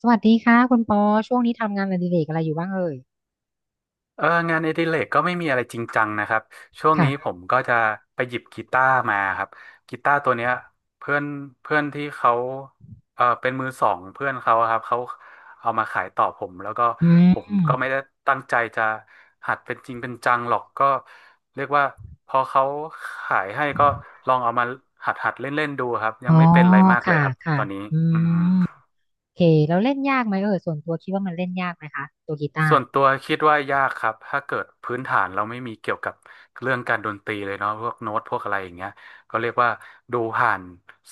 สวัสดีค่ะคุณปอช่วงนี้ทำงานอดิเรกอะไรอยู่บ้างเอ่ยเอองานอดิเรกก็ไม่มีอะไรจริงจังนะครับช่วงนี้ผค่ะมก็จะไปหยิบกีตาร์มาครับกีตาร์ตัวเนี้ยเพื่อนเพื่อนที่เขาเออเป็นมือสองเพื่อนเขาอะครับเขาเอามาขายต่อผมแล้วก็อืผมก็ไม่มได้ตั้งใจจะหัดเป็นจริงเป็นจังหรอกก็เรียกว่าพอเขาขายให้ก็ลองเอามาหัดเล่นเล่นดูครับยัอ๋งอไม่เป็นอะไรมากเลค่ะยครับค่ะตอนนี้อือืม มโอเคแล้วเล่นยากไหมเอ่ยส่วนตัวคิดว่ามันเล่นยากไหมคะตัวกีตาส่ร์วนตัวคิดว่ายากครับถ้าเกิดพื้นฐานเราไม่มีเกี่ยวกับเรื่องการดนตรีเลยเนาะพวกโน้ตพวกอะไรอย่างเงี้ยก็เรียกว่าดูผ่าน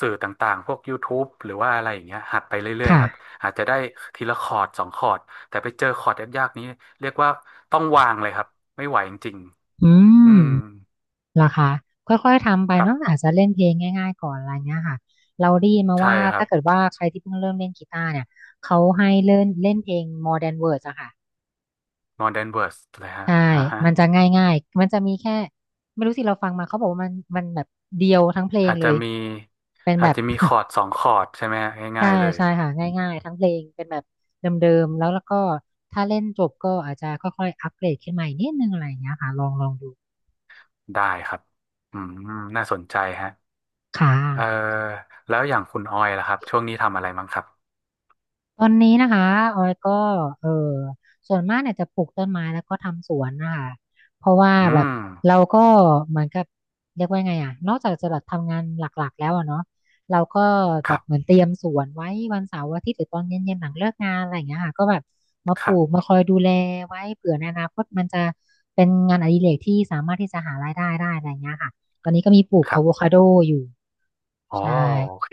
สื่อต่างๆพวกยูทูบ e หรือว่าอะไรอย่างเงี้ยหัดไปเรื่อยๆค่ะครับอาจจะได้ทีละคอร์ดสองคอร์ดแต่ไปเจอคอร์ดยากๆนี้เรียกว่าต้องวางเลยครับไม่ไหวจริงอืๆอืมมเหรอคะค่อยๆทำไปครับเนาะอาจจะเล่นเพลงง่ายๆก่อนอะไรเงี้ยค่ะเราได้ยินมาใช่ว่าครัถ้าบ เกิดว่าใครที่เพิ่งเริ่มเล่นกีตาร์เนี่ยเขาให้เล่นเล่นเพลง Modern Words อะค่ะ Modern Words เลยฮะใช่ อ่าฮะมันจะง่ายๆมันจะมีแค่ ไม่รู้สิเราฟังมาเขาบอกว่ามันแบบเดียวทั้งเพลงอาจเลจะย มีเป็นอาแบจบ จะมีค อร์ดสองคอร์ดใช่ไหมฮะใช่ง่ายๆเลยใช่ค่ะ ง่ายๆทั้งเพลงเป็นแบบเดิมๆ แล้วก็ถ้าเล่นจบก็อาจจะค่อยๆ อัปเกรดขึ้นมาอีกนิดนึงอะไรอย่างเงี้ยค่ะ ลองดูได้ครับอืมน่าสนใจฮะ ค่ะ เออแล้วอย่างคุณออยล่ะครับช่วงนี้ทำอะไรมั้งครับตอนนี้นะคะออยก็เออส่วนมากเนี่ยจะปลูกต้นไม้แล้วก็ทำสวนนะคะเพราะว่าอืแบบเรามก็เหมือนกับเรียกว่าไงอ่ะนอกจากจะแบบทำงานหลักๆแล้วอะเนาะเราก็คแบรับเหมือนบเตรียมสวนไว้วันเสาร์อาทิตย์หรือตอนเย็นๆหลังเลิกงานอะไรอย่างเงี้ยค่ะก็แบบมาคปลูรักบมาคอยดูแลไว้เผื่อในอนาคตมันจะเป็นงานอดิเรกที่สามารถที่จะหารายได้ได้อะไรอย่างเงี้ยค่ะตอนนี้ก็มีปลูกครัอะบโวคาโดอยู่อ๋อใช่โอเค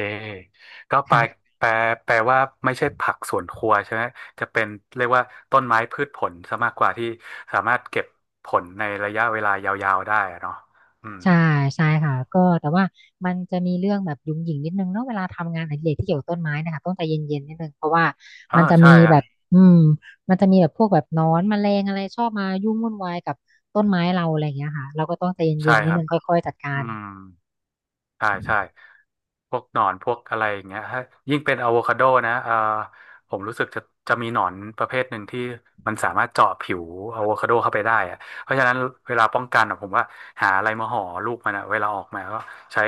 ก็ค่ะ แปลแปลว่าไม่ใช่ผักสวนครัวใช่ไหมจะเป็นเรียกว่าต้นไม้พืชผลซะมากกว่าที่สามารถเก็บผลในระยะเวลายาวๆได้อะเนาะอืมใช่ใช่ค่ะก็แต่ว่ามันจะมีเรื่องแบบหยุ่งหยิ่งนิดนึงเนาะเวลาทำงานอดิเรกที่เกี่ยวกับต้นไม้เนะคะต้องใจเย็นๆนิดนึงเพราะว่าเออมันจะใช่มีแบฮะบอืมมันจะมีแบบพวกแบบหนอนแมลงอะไรชอบมายุ่งวุ่นวายกับต้นไม้เราอะไรอย่างเงี้ยค่ะเราก็ต้องใจเย็ใช่นๆนิคดรันึบงค่อยๆจัดกาอืรม ใช่ใช่พวกหนอนพวกอะไรอย่างเงี้ยถ้ายิ่งเป็นอะโวคาโดนะผมรู้สึกจะมีหนอนประเภทหนึ่งที่มันสามารถเจาะผิวอะโวคาโดเข้าไปได้อะเพราะฉะนั้นเวลาป้องกันอะผมว่าหาอะไรมาห่อลูกมันอะเวลาออกมาก็ใช้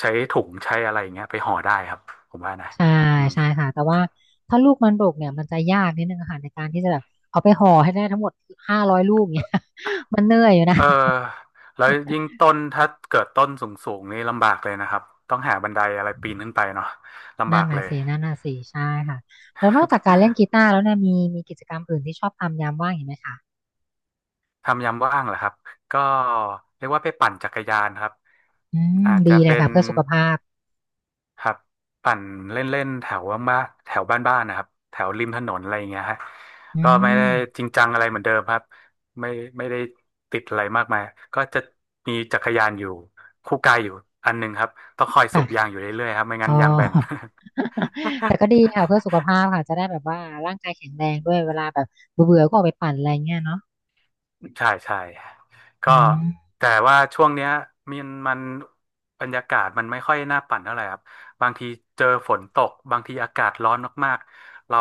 ใช้ถุงใช้อะไรอย่างเงี้ยไปห่อได้ครับผมว่านะใช่อืมใช่ค่ะแต่ว่าถ้าลูกมันดกเนี่ยมันจะยากนิดนึงอะค่ะในการที่จะแบบเอาไปห่อให้ได้ทั้งหมด500ลูกเนี่ย มันเหนื่อยอยู่นะ เออแล้วยิ่งต้นถ้าเกิดต้นสูงๆนี่ลำบากเลยนะครับต้องหาบันไดอะไรปีนขึ้นไปเนาะลำนั่บานกเลน่ะย สินั่นน่ะสิใช่ค่ะแล้วนอกจากการเล่น กีตาร์แล้วเนี่ยมีกิจกรรมอื่นที่ชอบทำยามว่างอีกไหมคะทำยามว่างเหรอครับก็เรียกว่าไปปั่นจักรยานครับอืมอาจจะดีเลเป็ยนค่ะเพื่อสุขภาพครับปั่นเล่นๆแถวบ้านแถวบ้านๆนะครับแถวริมถนนอะไรอย่างเงี้ยฮะอืก็ไม่ได้จมริงจังอะไรเหมือนเดิมครับไม่ไม่ได้ติดอะไรมากมายก็จะมีจักรยานอยู่คู่กายอยู่อันหนึ่งครับต้องคอยสูบยางค่ะอยู่เรื่อยๆครับไม่งั้อ๋นอ ยางแบน แต่ก็ดีค่ะเพื่อสุ ขภาพค่ะจะได้แบบว่าร่างกายแข็งแรงด้วยเวลาแบบเบื่อๆก็ออกไปปั่นอะไรเงี้ยเนาะใช่ใช่ก็อืมแต่ว่าช่วงเนี้ยมันบรรยากาศมันไม่ค่อยน่าปั่นเท่าไหร่ครับบางทีเจอฝนตกบางทีอากาศร้อนมากๆเรา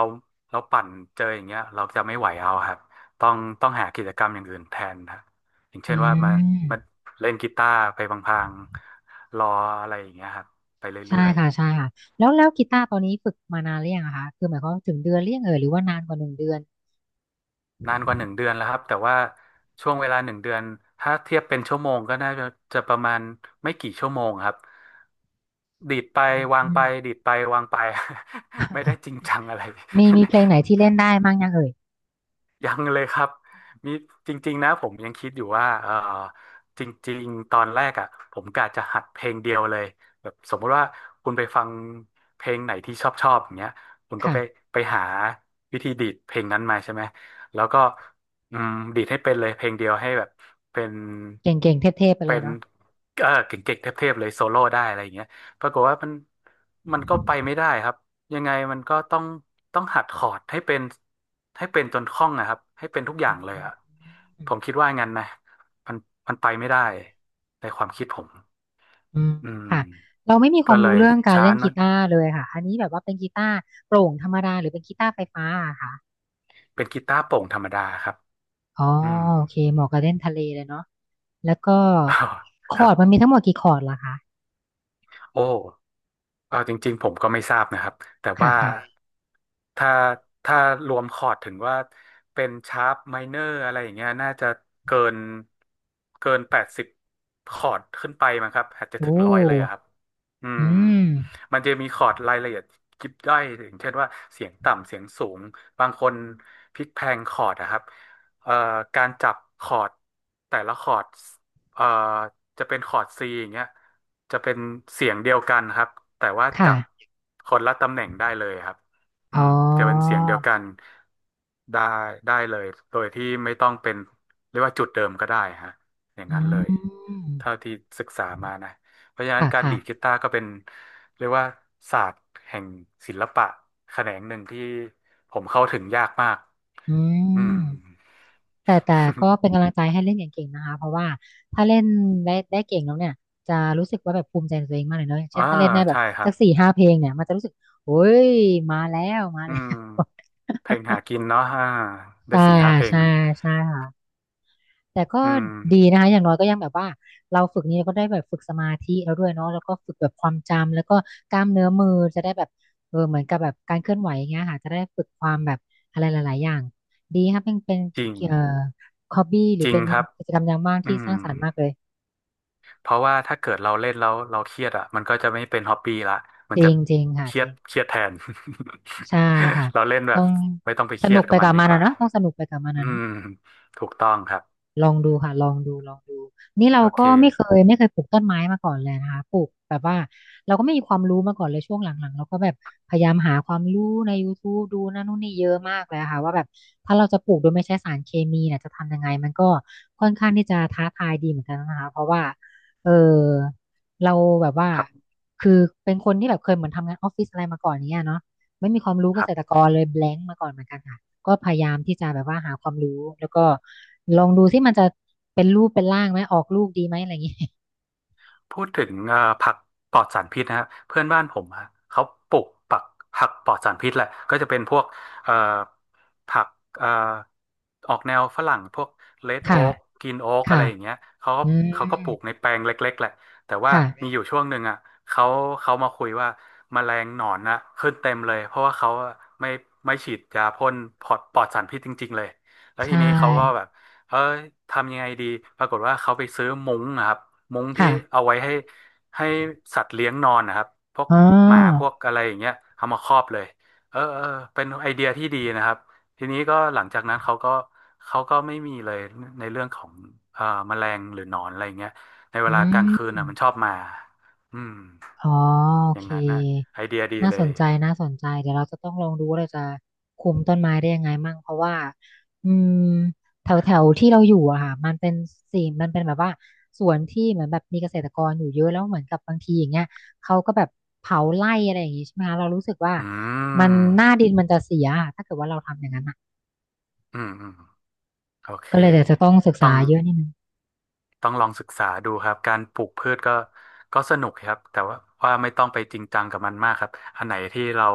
เราปั่นเจออย่างเงี้ยเราจะไม่ไหวเอาครับต้องต้องหากิจกรรมอย่างอื่นแทนครับอย่างอืเช่นว่ามามเล่นกีตาร์ไปพลางๆรออะไรอย่างเงี้ยครับไปเรื่ใช่อย ค่ะใช่ค่ะแล้วกีตาร์ตอนนี้ฝึกมานานหรือยังอะคะคือหมายความว่าถึงเดือนหรือยังเอ่ยหรือว่านานกว่า1เดือนนานกว่าหนึ่งเดือนแล้วครับแต่ว่าช่วงเวลาหนึ่งเดือนถ้าเทียบเป็นชั่วโมงก็น่าจะประมาณไม่กี่ชั่วโมงครับดีดไปวางอืไปม ดีดไปวางไป ไม่ได้จริงจังอะไร มีเพลงไหนที่ เล่นได้บ้างยังเอ่ยยังเลยครับมีจริงๆนะผมยังคิดอยู่ว่าเออจริงๆตอนแรกอ่ะผมกะจะหัดเพลงเดียวเลยแบบสมมติว่าคุณไปฟังเพลงไหนที่ชอบชอบอย่างเงี้ยคุณก็ค่ะไปหาวิธีดีดเพลงนั้นมาใช่ไหมแล้วก็อืมดีดให้เป็นเลยเพลงเดียวให้แบบเป็นเก่งๆเทพๆไปเลเป็ยนเนาะ เออเก่งๆเทพๆเลยโซโล่ได้อะไรอย่างเงี้ยปรากฏว่ามันก็ไปไม่ได้ครับ ยังไงมันก็ต้องหัดคอร์ดให้เป็นจนคล่องนะครับให้เป็นทุกอย่าอืงมเลยอืมอะผมคิดว่างั้นนะมันมันไปไม่ได้ในความคิดผมอืมอืมค่ะเราไม่มีคก็วามเลรู้ยเรื่องการช้าเล่นหนอกียตาร์เลยค่ะอันนี้แบบว่าเป็นกีตาร์โปร่งธรรมดาหรือเป็นกีตาร์ไฟฟ้าอะค่ะเป็นกีตาร์โปร่งธรรมดาครับอ๋ออืม โอเคเหมาะกับเล่นทะเลเลยเนาะแล้วก็ค คอรัร์ดมันบมีทั้งหมดกี่คอร์ดล่ะคะโอ้ เออจริงๆผมก็ไม่ทราบนะครับแต่ค่ะว่าค่ะถ้าถ้ารวมคอร์ดถึงว่าเป็นชาร์ปไมเนอร์อะไรอย่างเงี้ยน่าจะเกินเกิน80คอร์ดขึ้นไปมั้งครับอาจจะถึโอ้ง100เลยอะครับอืมอืมมันจะมีคอร์ดรายละเอียดยิบย่อยอย่างเช่นว่าเสียงต่ำเสียงสูงบางคนพลิกแพลงคอร์ดนะครับเอ่อการจับคอร์ดแต่ละคอร์ดเอ่อ จะเป็นคอร์ดซีอย่างเงี้ยจะเป็นเสียงเดียวกันครับแต่ว่าจับค่ะคนละตำแหน่งได้เลยครับอือ๋มจะเป็นอเสียงเดียวกันได้ได้เลยโดยที่ไม่ต้องเป็นเรียกว่าจุดเดิมก็ได้ฮะอย่างอืนั้นเลยมเท่าที่ศึกษามานะเพราะฉะนั้นค่ะการค่ะดีดกีตาร์ก็เป็นเรียกว่าศาสตร์แห่งศิลปะแขนงหนึ่งที่ผมเข้าถึงยากมากอือืม ม แต่ก็เป็นกำลังใจให้เล่นเก่งๆนะคะ เพราะว่าถ้าเล่นได้เก่งแล้วเนี่ยจะรู้สึกว่าแบบภูมิใจในตัวเองมากเลยเนาะอย่าง อ่าเช่นถ้าเล่นได้แบบใช่ครัสับก4-5เพลงเนี่ยมันจะรู้สึกโอ้ยมาแล้วมาอืแล้ม ว เพลงหากินเนาะอ่าได้ใช่สี่ห้าค่ะเพลงใช่ใช่ค่ะ แต่ก็อืมดีนะคะอย่างน้อยก็ยังแบบว่าเราฝึกนี้เราก็ได้แบบฝึกสมาธิแล้วด้วยเนาะแล้วก็ฝึกแบบความจำแล้วก็กล้ามเนื้อมือจะได้แบบเหมือนกับแบบการเคลื่อนไหวอย่างเงี้ยค่ะจะได้ฝึกความแบบอะไรหลายๆอย่างดีครับเป็นจริงเอ่อฮอบบี้หรืจอริงเป็นครับกิจกรรมยามว่างอืที่สมร้างสรรค์มากเลยเพราะว่าถ้าเกิดเราเล่นแล้วเราเครียดอ่ะมันก็จะไม่เป็นฮอปปี้ละมันจจะริงจริงค่ะเครีจยดริงเครียดแทน ใช่ค่ะ เราเล่นแบต้บองไม่ต้องไปสเครีนุยดกกัไปบมันกับดีมันกอะว่าเนาะต้องสนุกไปกับมันอือะเนาะ มถูกต้องครับลองดูค่ะลองดูลองดูนี่เราโอเคก็ไม่เคยปลูกต้นไม้มาก่อนเลยนะคะปลูกแบบว่าเราก็ไม่มีความรู้มาก่อนเลยช่วงหลังๆเราก็แบบพยายามหาความรู้ในย o ทูบดูนั่นนู่นนี่เยอะมากเลยค่ะว่าแบบถ้าเราจะปลูกโดยไม่ใช้สารเคมีเนี่ยจะทำยังไงมันก็ค่อนข้างที่จะท้าทายดีเหมือนกันนะคะเพราะว่าเออเราแบบว่าครับคือเป็นคนที่แบบเคยเหมือนทำงานออฟฟิศอะไรมาก่อน่เนี้ยเนาะไม่มีความรู้คเกรัษตรบ กรเลย blank มาก่อนเหมือนกันค่ะ ก็พยายามที่จะแบบว่าหาความรู้แล้วก็ลองดูที่มันจะเป็นรูปเป็นร่างไหมออกลูกดีไหมอะไรอย่างนี้ พูดถึงผักปลอดสารพิษนะฮะเพื่อนบ้านผมฮะเขาปลูกผักปลอดสารพิษแหละก็จะเป็นพวกเอ่อผักเอ่อออกแนวฝรั่งพวกเลด โอ๊ค่ะ กกิีนโอ๊กอะไรค่ะ อย่างเงี้ยเขาก็อืเขาก็ปม ลูกในแปลงเล็กๆแหละแต่ว่ามีค่ะ อยู่ช่วงหนึ่งอ่ะเขาเขามาคุยว่าแมลงหนอนนะขึ้นเต็มเลยเพราะว่าเขาอะไม่ไม่ฉีดยาพ่นปลอดสารพิษจริงๆเลยแล้วทีใช่ นี้เขาก็แบบ เออทำยังไงดีปรากฏว่าเขาไปซื้อมุ้งนะครับมุ้งที่ค่ะเอาไว้ให้สัตว์เลี้ยงนอนนะครับพวกอ๋หมาพวอกอะไรอย่างเงี้ยเอามาครอบเลยเออเออเป็นไอเดียที่ดีนะครับทีนี้ก็หลังจากนั้นเขาก็ไม่มีเลยในเรื่องของแมลงหรือหนอนอะไรอย่างเงี้ยในเวอืลากลางม คืนอ่ะมันชอบมาอืมอ๋อโออย่างเคนั้นนะไอเดียดีน่าเลสยนใจน่าสนใจเดี๋ยวเราจะต้องลองดูว่าเราจะคุมต้นไม้ได้ยังไงมั่งเพราะว่าอืมแถวแถวที่เราอยู่อะค่ะมันเป็นมันเป็นแบบว่าสวนที่เหมือนแบบมีเกษตรกรอยู่เยอะแล้วเหมือนกับบางทีอย่างเงี้ยเขาก็แบบเผาไร่อะไรอย่างงี้ใช่ไหมคะเรารู้สึกว่าอืมันหน้ามดินมันจะเสียอะถ้าเกิดว่าเราทำอย่างนั้นอะอืมอืมโอเคก็เลยเดี๋ยวจะต้องศึกต้อษาง เยอะนิดนึง ต้องลองศึกษาดูครับการปลูกพืชก็ก็สนุกครับแต่ว่าไม่ต้องไปจริงจังกับมันมากครับอันไหนที่เรา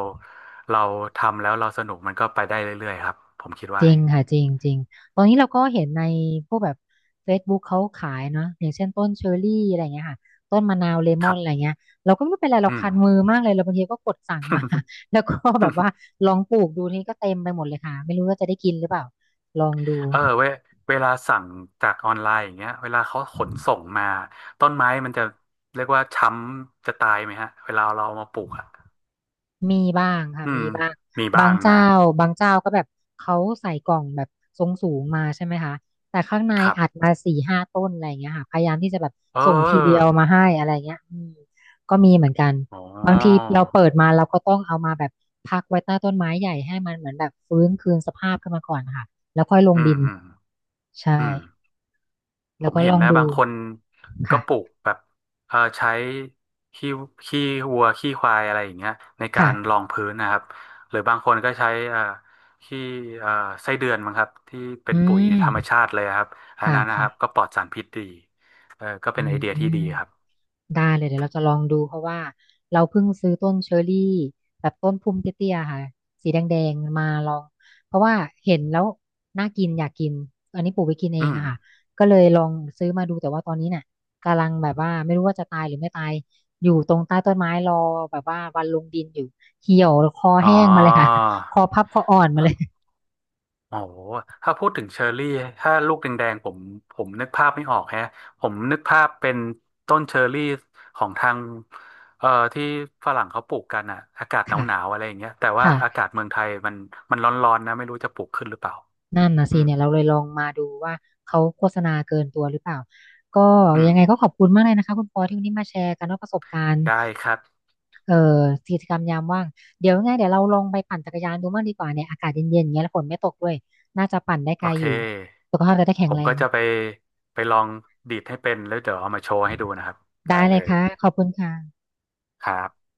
เราทำแล้วเราสนุกมันก็ไปได้เรื่อยๆครับผมคิดจว่าริงค่ะจริงจริงตอนนี้เราก็เห็นในพวกแบบ Facebook เขาขายเนาะอย่างเช่นต้นเชอร์รี่อะไรเงี้ยค่ะต้นมะนาวเลมคอรันบอะไรเงี้ยเราก็ไม่รู้เป็นไรเราอืม คันมือมากเลยเราบางทีก็กดสั่งมา แล้วก็แบบ ว่าลองปลูกดูนี่ก็เต็มไปหมดเลยค่ะไม่รู้ว่าจะได้กินหรือเปล่าลองดู เออเวลาสั่งจากออนไลน์อย่างเงี้ยเวลาเขาขนส่งมาต้นไม้มันจะเรียกว่าช้ำจะตายไหมฮะเวลาเราเอามาปลูกอ่ะมีบ้างค่ะอืมมีบ้างมีบ้าบางงนะเจ้าบางเจ้าก็แบบเขาใส่กล่องแบบทรงสูงมาใช่ไหมคะแต่ข้างในครัอัดบมาสี่ห้าต้นอะไรอย่างเงี้ยค่ะพยายามที่จะแบบเอส่งทีเดียอวมาให้อะไรเงี้ยอืมก็มีเหมือนกันอ๋อบางทีเราเปิดมาเราก็ต้องเอามาแบบพักไว้ใต้ต้นไม้ใหญ่ให้มันเหมือนแบบฟื้นคืนสภาพขึ้นมาก่อนค่ะแล้วค่อยลงอืมดินอืมใช่อืม ผแล้วมก็เห็ลนองนะดูบางคนก็ปลูค่ะกแบบเออใช้ขี้ขี้วัวขี้ควายอะไรอย่างเงี้ยในกาค่ะรรองพื้นนะครับหรือบางคนก็ใช้ขี้เอ่อไส้เดือนมั้งครับที่เป็นอืปุ๋ยมธรรมชาติเลยครับอันค่ะนั้นนะครับค่ะก็ปลอดสารพิษดีเออก็เป็อืนไอเดียที่ม ดีครับได้เลยเดี๋ยวเราจะลองดูเพราะว่าเราเพิ่งซื้อต้นเชอรรี่แบบต้นพุ่มเตี้ยๆค่ะสีแดงๆมาลองเพราะว่าเห็นแล้วน่ากินอยากกินอันนี้ปลูกไว้กินเออืงมอะค่ะก็เลยลองซื้อมาดูแต่ว่าตอนนี้เนี่ยกำลังแบบว่าไม่รู้ว่าจะตายหรือไม่ตายอยู่ตรงใต้ต้นไม้รอแบบว่าวันลงดินอยู่เหี่ยวคออ๋อ แห้งมาเลยค่ะ คอพับคออ่อนมาเลยโอ้โหถ้าพูดถึงเชอร์รี่ ถ้าลูกแดงๆผมนึกภาพไม่ออกแฮะผมนึกภาพเป็นต้นเชอร์รี่ของทางเอ่อที่ฝรั่งเขาปลูกกันอะอากาศหค่ะนาวๆอะไรอย่างเงี้ยแต่ว่าค่ะ อากาศเมืองไทยมันร้อนๆนะไม่รู้จะปลูกขึ้นหรือเปล่า นั่นนะอืสิมเนี่ยเราเลยลองมาดูว่าเขาโฆษณาเกินตัวหรือเปล่าก็อืมยังไงก็ขอบคุณมากเลยนะคะคุณปอที่วันนี้มาแชร์กันว่าประสบการณ์ได้ครับ เอ่อกิจกรรมยามว่างเดี๋ยวยังไงเดี๋ยวเราลองไปปั่นจักรยานดูบ้างดีกว่าเนี่ยอากาศเย็นๆอย่างเงี้ยแล้วฝนไม่ตกด้วยน่าจะปั่นได้ไกโอลเค อยู่สุขภาพจะได้แข็ผงมแรก็งจะไปลองดีดให้เป็น แล้วเดี๋ยวเอามาโชว์ให้ดูนะครับได้ได้เลเลยยค่ะขอบคุณค่ะครับ